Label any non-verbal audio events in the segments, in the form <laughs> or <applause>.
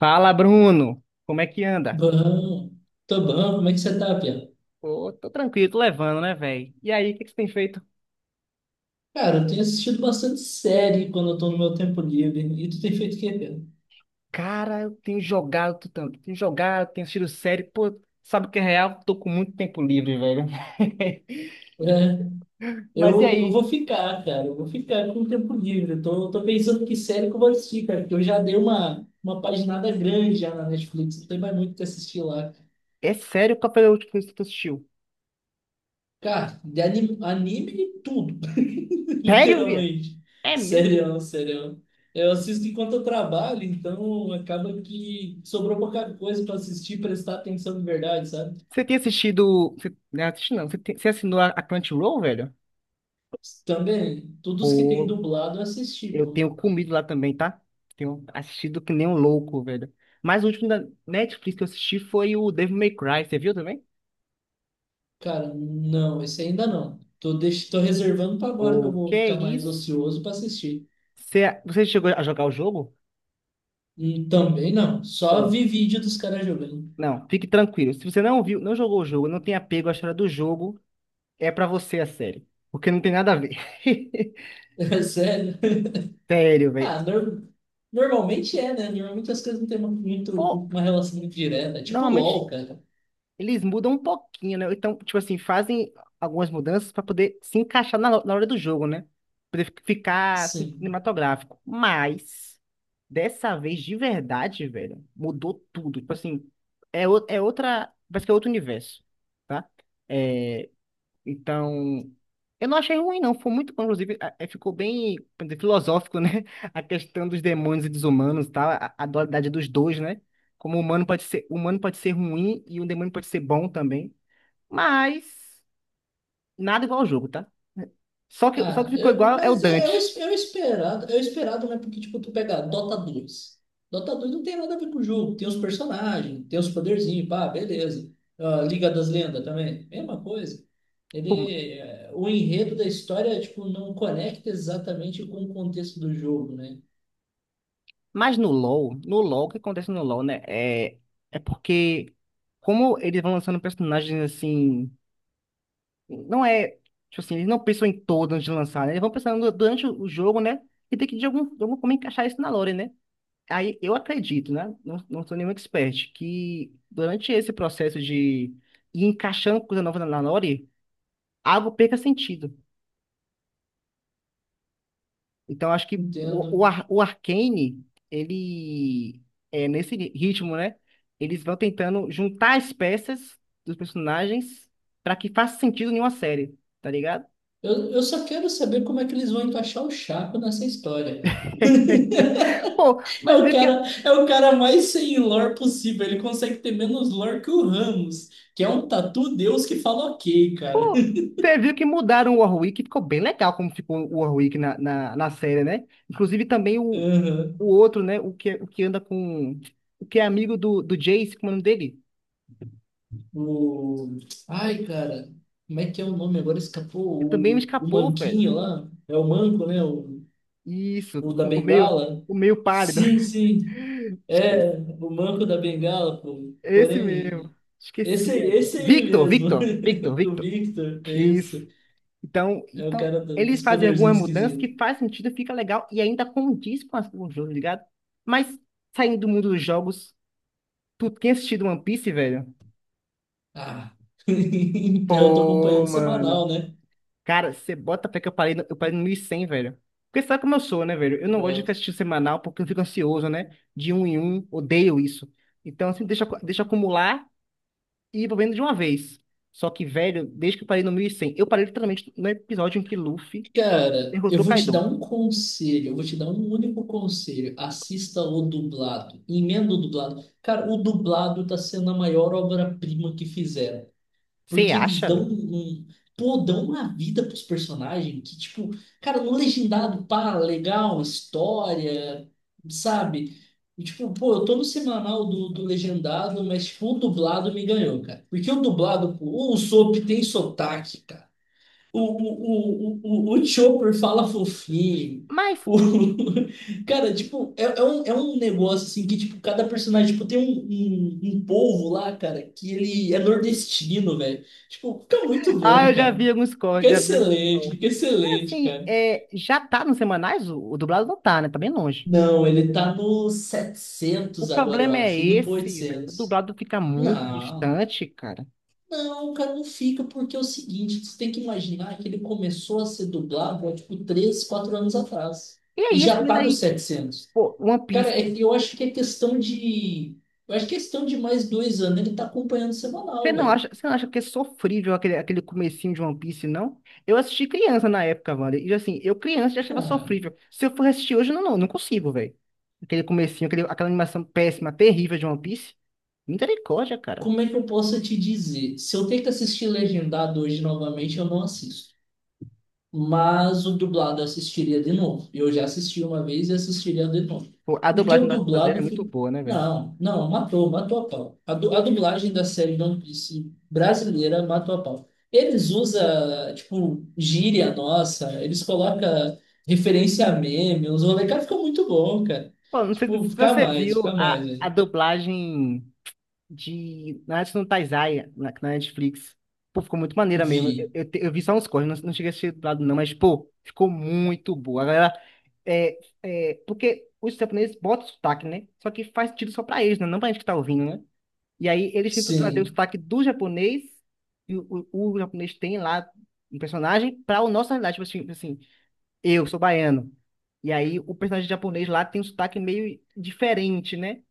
Fala, Bruno. Como é que anda? Bom, tô bom, como é que você tá, Pia? Pô, tô tranquilo, tô levando, né, velho? E aí, o que que você tem feito? Cara, eu tenho assistido bastante série quando eu tô no meu tempo livre. E tu tem feito o quê, Pia? Cara, eu tenho jogado tu tanto. Tenho jogado, tenho assistido série. Pô, sabe o que é real? Tô com muito tempo livre, velho. <laughs> É, eu, Mas e eu vou aí? ficar, cara, eu vou ficar com o tempo livre. Eu tô pensando que série que eu vou assistir, cara, porque eu já dei uma paginada grande já na Netflix, não tem mais muito o que assistir lá. É sério, qual foi a última coisa que tu assistiu? Cara, de anime, anime tudo. <laughs> Sério, Via? Literalmente. É mesmo? Serião, serião. Eu assisto enquanto eu trabalho, então acaba que sobrou pouca coisa para assistir, e prestar atenção de verdade, sabe? Você tem assistido. Não, assisti não. Você assinou a Crunchyroll, velho? Também, todos que tem Pô, dublado eu assisti, eu pô. tenho comido lá também, tá? Tenho assistido que nem um louco, velho. Mas o último da Netflix que eu assisti foi o Devil May Cry. Você viu também? Cara, não, esse ainda não. Tô reservando para agora que eu O que vou é ficar mais isso? ocioso para assistir. Você chegou a jogar o jogo? Também não, só Ou vi vídeo dos caras jogando. <laughs> não, fique tranquilo. Se você não viu, não jogou o jogo, não tem apego à história do jogo, é pra você a série. Porque não tem nada a ver. <laughs> É sério. Sério, velho. Ah, normalmente é, né? Normalmente as coisas não têm muito, Pô, uma relação muito direta. Tipo normalmente LOL, cara. eles mudam um pouquinho, né? Então, tipo assim, fazem algumas mudanças para poder se encaixar na hora do jogo, né? Poder ficar Sim. cinematográfico. Mas, dessa vez, de verdade, velho, mudou tudo. Tipo assim, é outra. Parece que é outro universo, tá? É, então, eu não achei ruim, não. Foi muito bom, inclusive, ficou bem, como dizer, filosófico, né? <laughs> A questão dos demônios e dos humanos, tá? A dualidade dos dois, né? Como o humano pode ser, o humano pode ser ruim e o demônio pode ser bom também. Mas nada igual ao jogo, tá? Só que Ah, ficou igual é o mas Dante. É o esperado, né? Porque, tipo, tu pega Dota dois. Dota dois não tem nada a ver com o jogo. Tem os personagens, tem os poderzinhos, pá, beleza. Ah, Liga das Lendas também, mesma coisa. Pô, O enredo da história, tipo, não conecta exatamente com o contexto do jogo, né? mas no LoL, o que acontece no LoL, né? É porque como eles vão lançando personagens assim. Não é, tipo assim, eles não pensam em todo antes de lançar, né? Eles vão pensando durante o jogo, né? E tem que de alguma forma encaixar isso na lore, né? Aí eu acredito, né? Não, não sou nenhum expert, que durante esse processo de ir encaixando coisa nova na lore, algo perca sentido. Então acho que Entendo. o Arcane, ele é nesse ritmo, né? Eles vão tentando juntar as peças dos personagens para que faça sentido em uma série, tá ligado? Eu só quero saber como é que eles vão encaixar o Chaco nessa história, cara. <laughs> Pô, É mas o viu que cara, é o cara mais sem lore possível. Ele consegue ter menos lore que o Ramos, que é um tatu deus que fala ok, cara. Pô, você viu que mudaram o Warwick, ficou bem legal como ficou o Warwick na série, né? Inclusive também <laughs> o, Aham. o outro, né? O que anda com. O que é amigo do Jace, como é o nome dele? O... Ai, cara, como é que é o nome? Agora escapou Ele também me o escapou, velho. Manquinho lá. É o Manco, né? O, Isso, o da o, o meio, Bengala. o meio pálido. Sim, sim. <laughs> Esquece. É, o Manco da Bengala, pô. Esse mesmo. Porém. Esqueci agora. Esse aí Victor, mesmo. <laughs> Victor, Victor, O Victor. Victor, é Isso. isso. Então, É o então, cara eles dos fazem algumas poderzinhos mudanças esquisitos. que faz sentido, fica legal e ainda condiz com, as, com o jogo, tá ligado? Mas saindo do mundo dos jogos. Tu tinha assistido One Piece, velho? Ah. <laughs> Então, eu tô Pô, acompanhando mano. semanal, né? Cara, você bota até que eu parei no 1.100, velho. Porque sabe como eu sou, né, velho? Eu não gosto de ficar Boto. assistindo semanal porque eu fico ansioso, né? De um em um, odeio isso. Então, assim, deixa acumular e vou vendo de uma vez. Só que, velho, desde que eu parei no 1.100, eu parei literalmente no episódio em que Luffy Cara, eu derrotou vou te Kaido. dar um conselho, eu vou te dar um único conselho. Assista o dublado. Emenda o dublado. Cara, o dublado tá sendo a maior obra-prima que fizeram. Você Porque eles acha, velho? Pô, dão uma vida pros personagens que, tipo, cara, no legendado, pá, legal, história, sabe? E, tipo, pô, eu tô no semanal do legendado, mas, tipo, o dublado me ganhou, cara. Porque o dublado, pô, o Usopp tem sotaque, cara. O, o, o Chopper fala fofinho. Mas, O... <laughs> Cara, tipo, é um negócio assim que, tipo, cada personagem, tipo, tem um povo lá, cara, que ele é nordestino, velho. Tipo, fica muito bom, eu já cara. vi alguns cortes, já vi alguns cortes. Fica É excelente, assim, cara. Já tá nos semanais? O dublado não tá, né? Tá bem longe. Não, ele tá no O 700 agora, eu problema é acho, indo pro esse, velho. O 800. dublado fica muito Não. distante, cara. Não, cara, não fica, porque é o seguinte, você tem que imaginar que ele começou a ser dublado há, tipo, 3 4 anos atrás. E E aí, já esse tá daí, nos 700. pô, One Cara, Piece. é que eu acho que é questão de... Eu acho que é questão de mais 2 anos ele tá acompanhando Você semanal, não velho. acha, você não acha que é sofrível aquele comecinho de One Piece, não? Eu assisti criança na época, mano. E assim, eu criança já achava Cara, sofrível. Se eu for assistir hoje, eu não consigo, velho. Aquele comecinho, aquela animação péssima, terrível de One Piece. Misericórdia, cara. como é que eu posso te dizer? Se eu tenho que assistir Legendado hoje novamente, eu não assisto. Mas o dublado eu assistiria de novo. Eu já assisti uma vez e assistiria de novo. Pô, a Porque dublagem o brasileira é dublado muito fica. boa, né, velho? Não, não, matou, matou a pau. A dublagem da série de One Piece brasileira matou a pau. Eles usam, tipo, gíria nossa, eles colocam referência a meme, os rolê, cara, fica muito bom, cara. Pô, não sei se Tipo, você viu fica a, mais, a velho. dublagem de Nanatsu no Taizai na Netflix. Pô, ficou muito maneira mesmo. Eu, Vi, eu, te- eu vi só uns cortes, não, não cheguei a assistir do lado não, mas, pô, ficou muito boa. A galera, porque os japoneses botam sotaque, né? Só que faz sentido só pra eles, né? Não pra gente que tá ouvindo, né? E aí eles tentam trazer o sim, sotaque do japonês, e o japonês tem lá um personagem, pra o nosso realidade. Tipo assim, eu sou baiano. E aí o personagem japonês lá tem um sotaque meio diferente, né?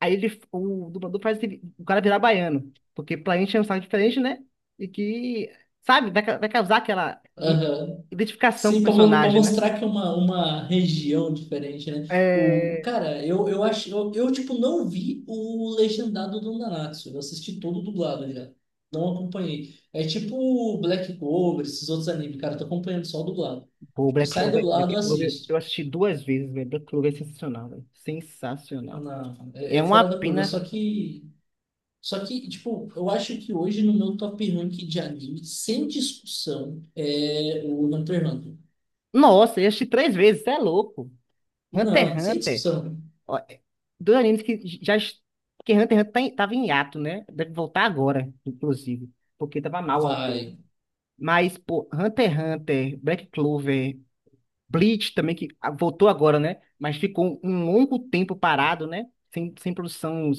Aí ele, o dublador faz o cara virar baiano, porque preenche é um sotaque diferente, né? E que, sabe, vai causar aquela i- aham. identificação com o Sim, para personagem, né? mostrar que é uma região diferente, né? O, o- É. cara, eu acho, tipo não vi o legendado do Nanatsu. Eu assisti todo dublado já. Não acompanhei. É tipo o Black Clover, esses outros animes, cara, eu tô acompanhando só o dublado. Pô, Tipo, Black sai Clover, dublado, Black eu Clover, eu assisto. assisti duas vezes, velho. Black Clover é sensacional, velho. Sensacional. Não, é, É é uma fora da curva, pena. só que, tipo, eu acho que hoje no meu top rank de anime, sem discussão, é o Hunter x Hunter. Nossa, eu assisti três vezes, você é louco. Hunter Não, x sem Hunter. discussão. Ó, dois animes que já. Que Hunter x Hunter tava em hiato, né? Deve voltar agora, inclusive. Porque tava mal o autor. Vai. Mas, pô, Hunter x Hunter, Black Clover, Bleach também, que voltou agora, né? Mas ficou um longo tempo parado, né? Sem produção,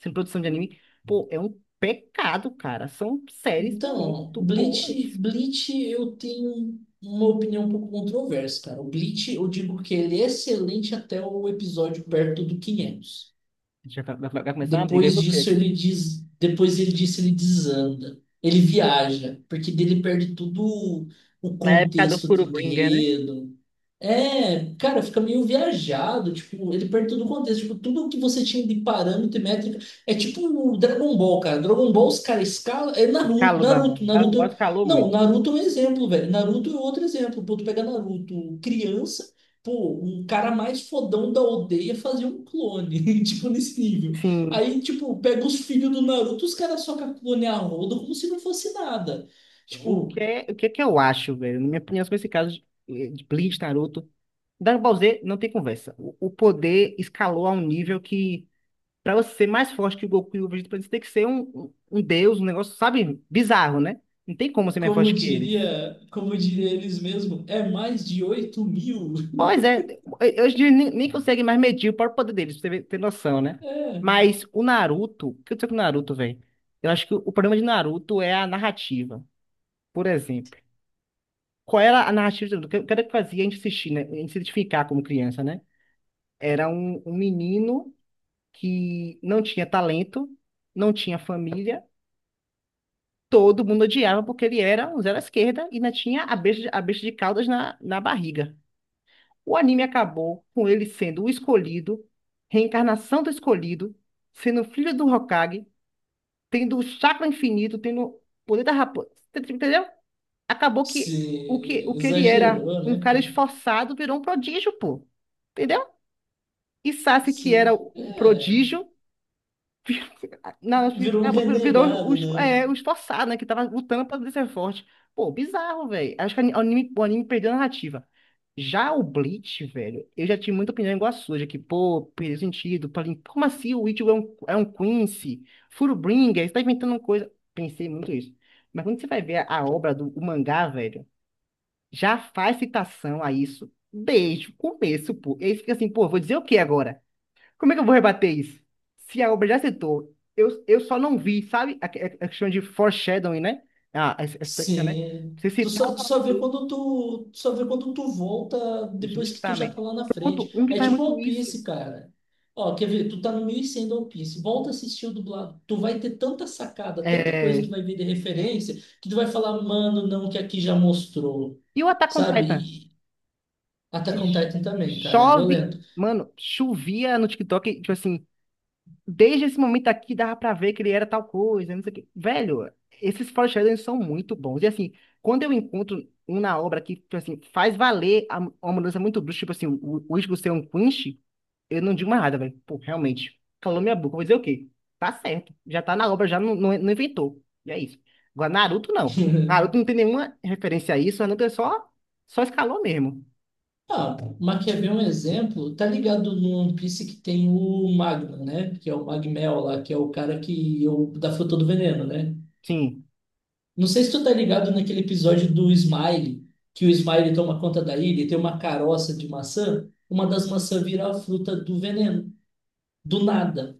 sem produção de anime. Pô, é um pecado, cara. São séries Então, muito boas. Bleach eu tenho uma opinião um pouco controversa, cara. O Bleach, eu digo que ele é excelente até o episódio perto do 500. Já vai, vai começar uma briga aí Depois com você disso aqui. ele diz, depois ele disse ele desanda. Ele viaja, porque dele perde tudo o Na época do contexto de Furubringer, né? enredo, é, cara, fica meio viajado, tipo, ele perde todo o contexto, tipo, tudo que você tinha de parâmetro e métrica, é tipo o Dragon Ball, cara, Dragon Ball os caras escalam, é Naruto, Escalou, não. Naruto, Dragon Ball Naruto, escalou não, muito. Naruto é um exemplo, velho, Naruto é outro exemplo, pô, tu pega Naruto, criança, pô, um cara mais fodão da aldeia fazia um clone, <laughs> tipo, nesse nível, Sim. aí, tipo, pega os filhos do Naruto, os caras socam clone a rodo como se não fosse nada, O que tipo... é, o que é que eu acho, velho? Na minha opinião, sobre esse caso de Bleach, Naruto, Dragon Ball Z não tem conversa. O poder escalou a um nível que, pra você ser mais forte que o Goku e o Vegeta, pra você tem que ser um, um deus, um negócio, sabe, bizarro, né? Não tem como ser mais forte que eles. Como diria eles mesmos, é mais de 8.000. Pois é, hoje em dia nem, consegue mais medir o próprio poder deles, pra você ter noção, né? É, Mas o Naruto, o que eu sei com o Naruto, velho? Eu acho que o problema de Naruto é a narrativa, por exemplo. Qual era a narrativa do que o que era que fazia a gente assistir, né? A gente se identificar como criança, né? Era um menino que não tinha talento, não tinha família, todo mundo odiava porque ele era um zero à esquerda e ainda tinha a besta, a besta de caudas na barriga. O anime acabou com ele sendo o escolhido, reencarnação do escolhido, sendo filho do Hokage, tendo o chakra infinito, tendo o poder da raposa. Entendeu? Acabou que o que, se ele era exagerou, um né, cara cara? esforçado virou um prodígio, pô. Entendeu? E Sasuke, que Sim, era o é, prodígio, na- virou um acabou que virou o, renegado, es- né? é, o esforçado, né? Que tava lutando pra ser forte. Pô, bizarro, velho. Acho que o anime perdeu a narrativa. Já o Bleach, velho, eu já tive muita opinião igual a sua, de que, pô, perdeu sentido. Como assim o Ichigo é um Quincy? Fullbringer, você tá inventando coisa. Pensei muito isso. Mas quando você vai ver a obra do o mangá, velho. Já faz citação a isso desde o começo, pô. E aí fica assim, pô, vou dizer o que agora? Como é que eu vou rebater isso? Se a obra já citou, eu só não vi, sabe? A questão de foreshadowing, né? Ah, essa técnica, né? Sim. Você Tu citar só, tu uma só vê coisa, quando tu volta depois que tu já tá justamente. lá na Pronto, frente. um que É faz tipo muito One isso. Piece, cara. Ó, quer ver? Tu tá no 1.100 do One Piece. Volta a assistir o dublado. Tu vai ter tanta sacada, tanta coisa que tu É. vai ver de referência, que tu vai falar, mano, não, que aqui já mostrou. E o Attack on Sabe? Titan? E Que Attack on Titan também, cara. É chove, violento. mano, chovia no TikTok, tipo assim. Desde esse momento aqui dava pra ver que ele era tal coisa, não sei o quê. Velho, esses foreshadowings são muito bons. E assim, quando eu encontro um na obra que, tipo assim, faz valer uma mudança muito brusca, tipo assim, o Ichigo ser um Quinch, eu não digo mais nada, velho. Pô, realmente, calou minha boca. Vou dizer o quê? Tá certo. Já tá na obra, já não inventou. E é isso. Agora, Naruto não, pô. <laughs> Naruto não tem nenhuma referência a isso, Naruto é só escalou mesmo. Ah, Maquiavel é um exemplo. Tá ligado no One Piece que tem o Magma, né? Que é o Magmel lá, que é o cara que é o da fruta do veneno, né? Sim. Não sei se tu tá ligado naquele episódio do Smile, que o Smile toma conta da ilha e tem uma caroça de maçã. Uma das maçãs vira a fruta do veneno, do nada.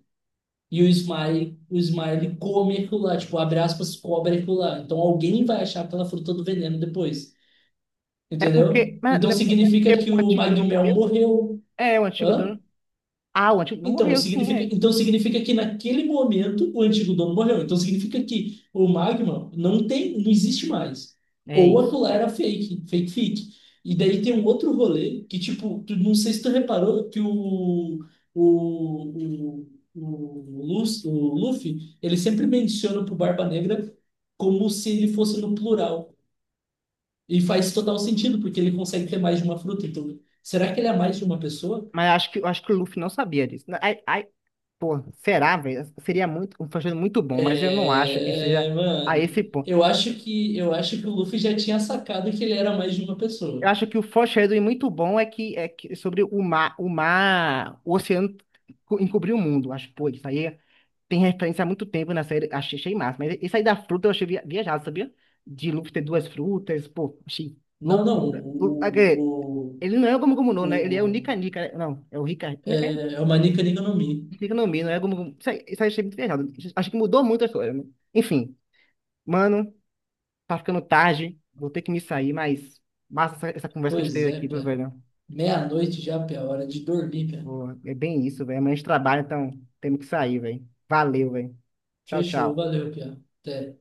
E o Smile come aquilo lá, tipo, abre aspas, cobre aquilo lá. Então alguém vai achar aquela fruta do veneno depois, É entendeu? porque, mas, Então né, é significa porque que o o antigo dono Magmel morreu? morreu. É, o antigo Hã? dono. Ah, o Antídoto Então, morreu, sim, significa, é. então significa que naquele momento o antigo dono morreu. Então significa que o magma não tem, não existe mais. É Ou isso. aquilo lá era fake, fake fic. E daí tem um outro rolê que, tipo, não sei se tu reparou que o, o, o Luffy, ele sempre menciona pro Barba Negra como se ele fosse no plural. E faz total sentido, porque ele consegue ter mais de uma fruta. Então, será que ele é mais de uma pessoa? Mas acho que, eu acho que o Luffy não sabia disso. Ai, ai, pô, será, velho? Seria muito, um foreshadowing muito bom, mas eu não acho que esteja É, a mano, esse ponto. eu acho que o Luffy já tinha sacado que ele era mais de uma Eu pessoa. acho que o foreshadowing muito bom é que sobre o oceano encobrir o mundo. Acho, pô, isso aí tem referência há muito tempo na série. Achei massa. Mas isso aí da fruta eu achei viajado, sabia? De Luffy ter duas frutas, pô, achei Não, não, loucura. Lu- ah, quer Ele não é o Gomu Gomu no, o, né? Ele é o o- Nika Nika, né? Não, é o Rika. é o Manika Ni no Mi. Economia, não é como. Isso aí eu achei muito viajado. Acho que mudou muito a história, né? Enfim, mano, tá ficando tarde. Vou ter que me sair, mas massa essa conversa que a gente Pois teve é, aqui, meu pera. velho. Meia-noite já, pia, hora de dormir, pia. Pô, é bem isso, velho. Amanhã a gente trabalha, então temos que sair, velho. Valeu, velho. Tchau, Fechou, tchau. valeu, pia. Até.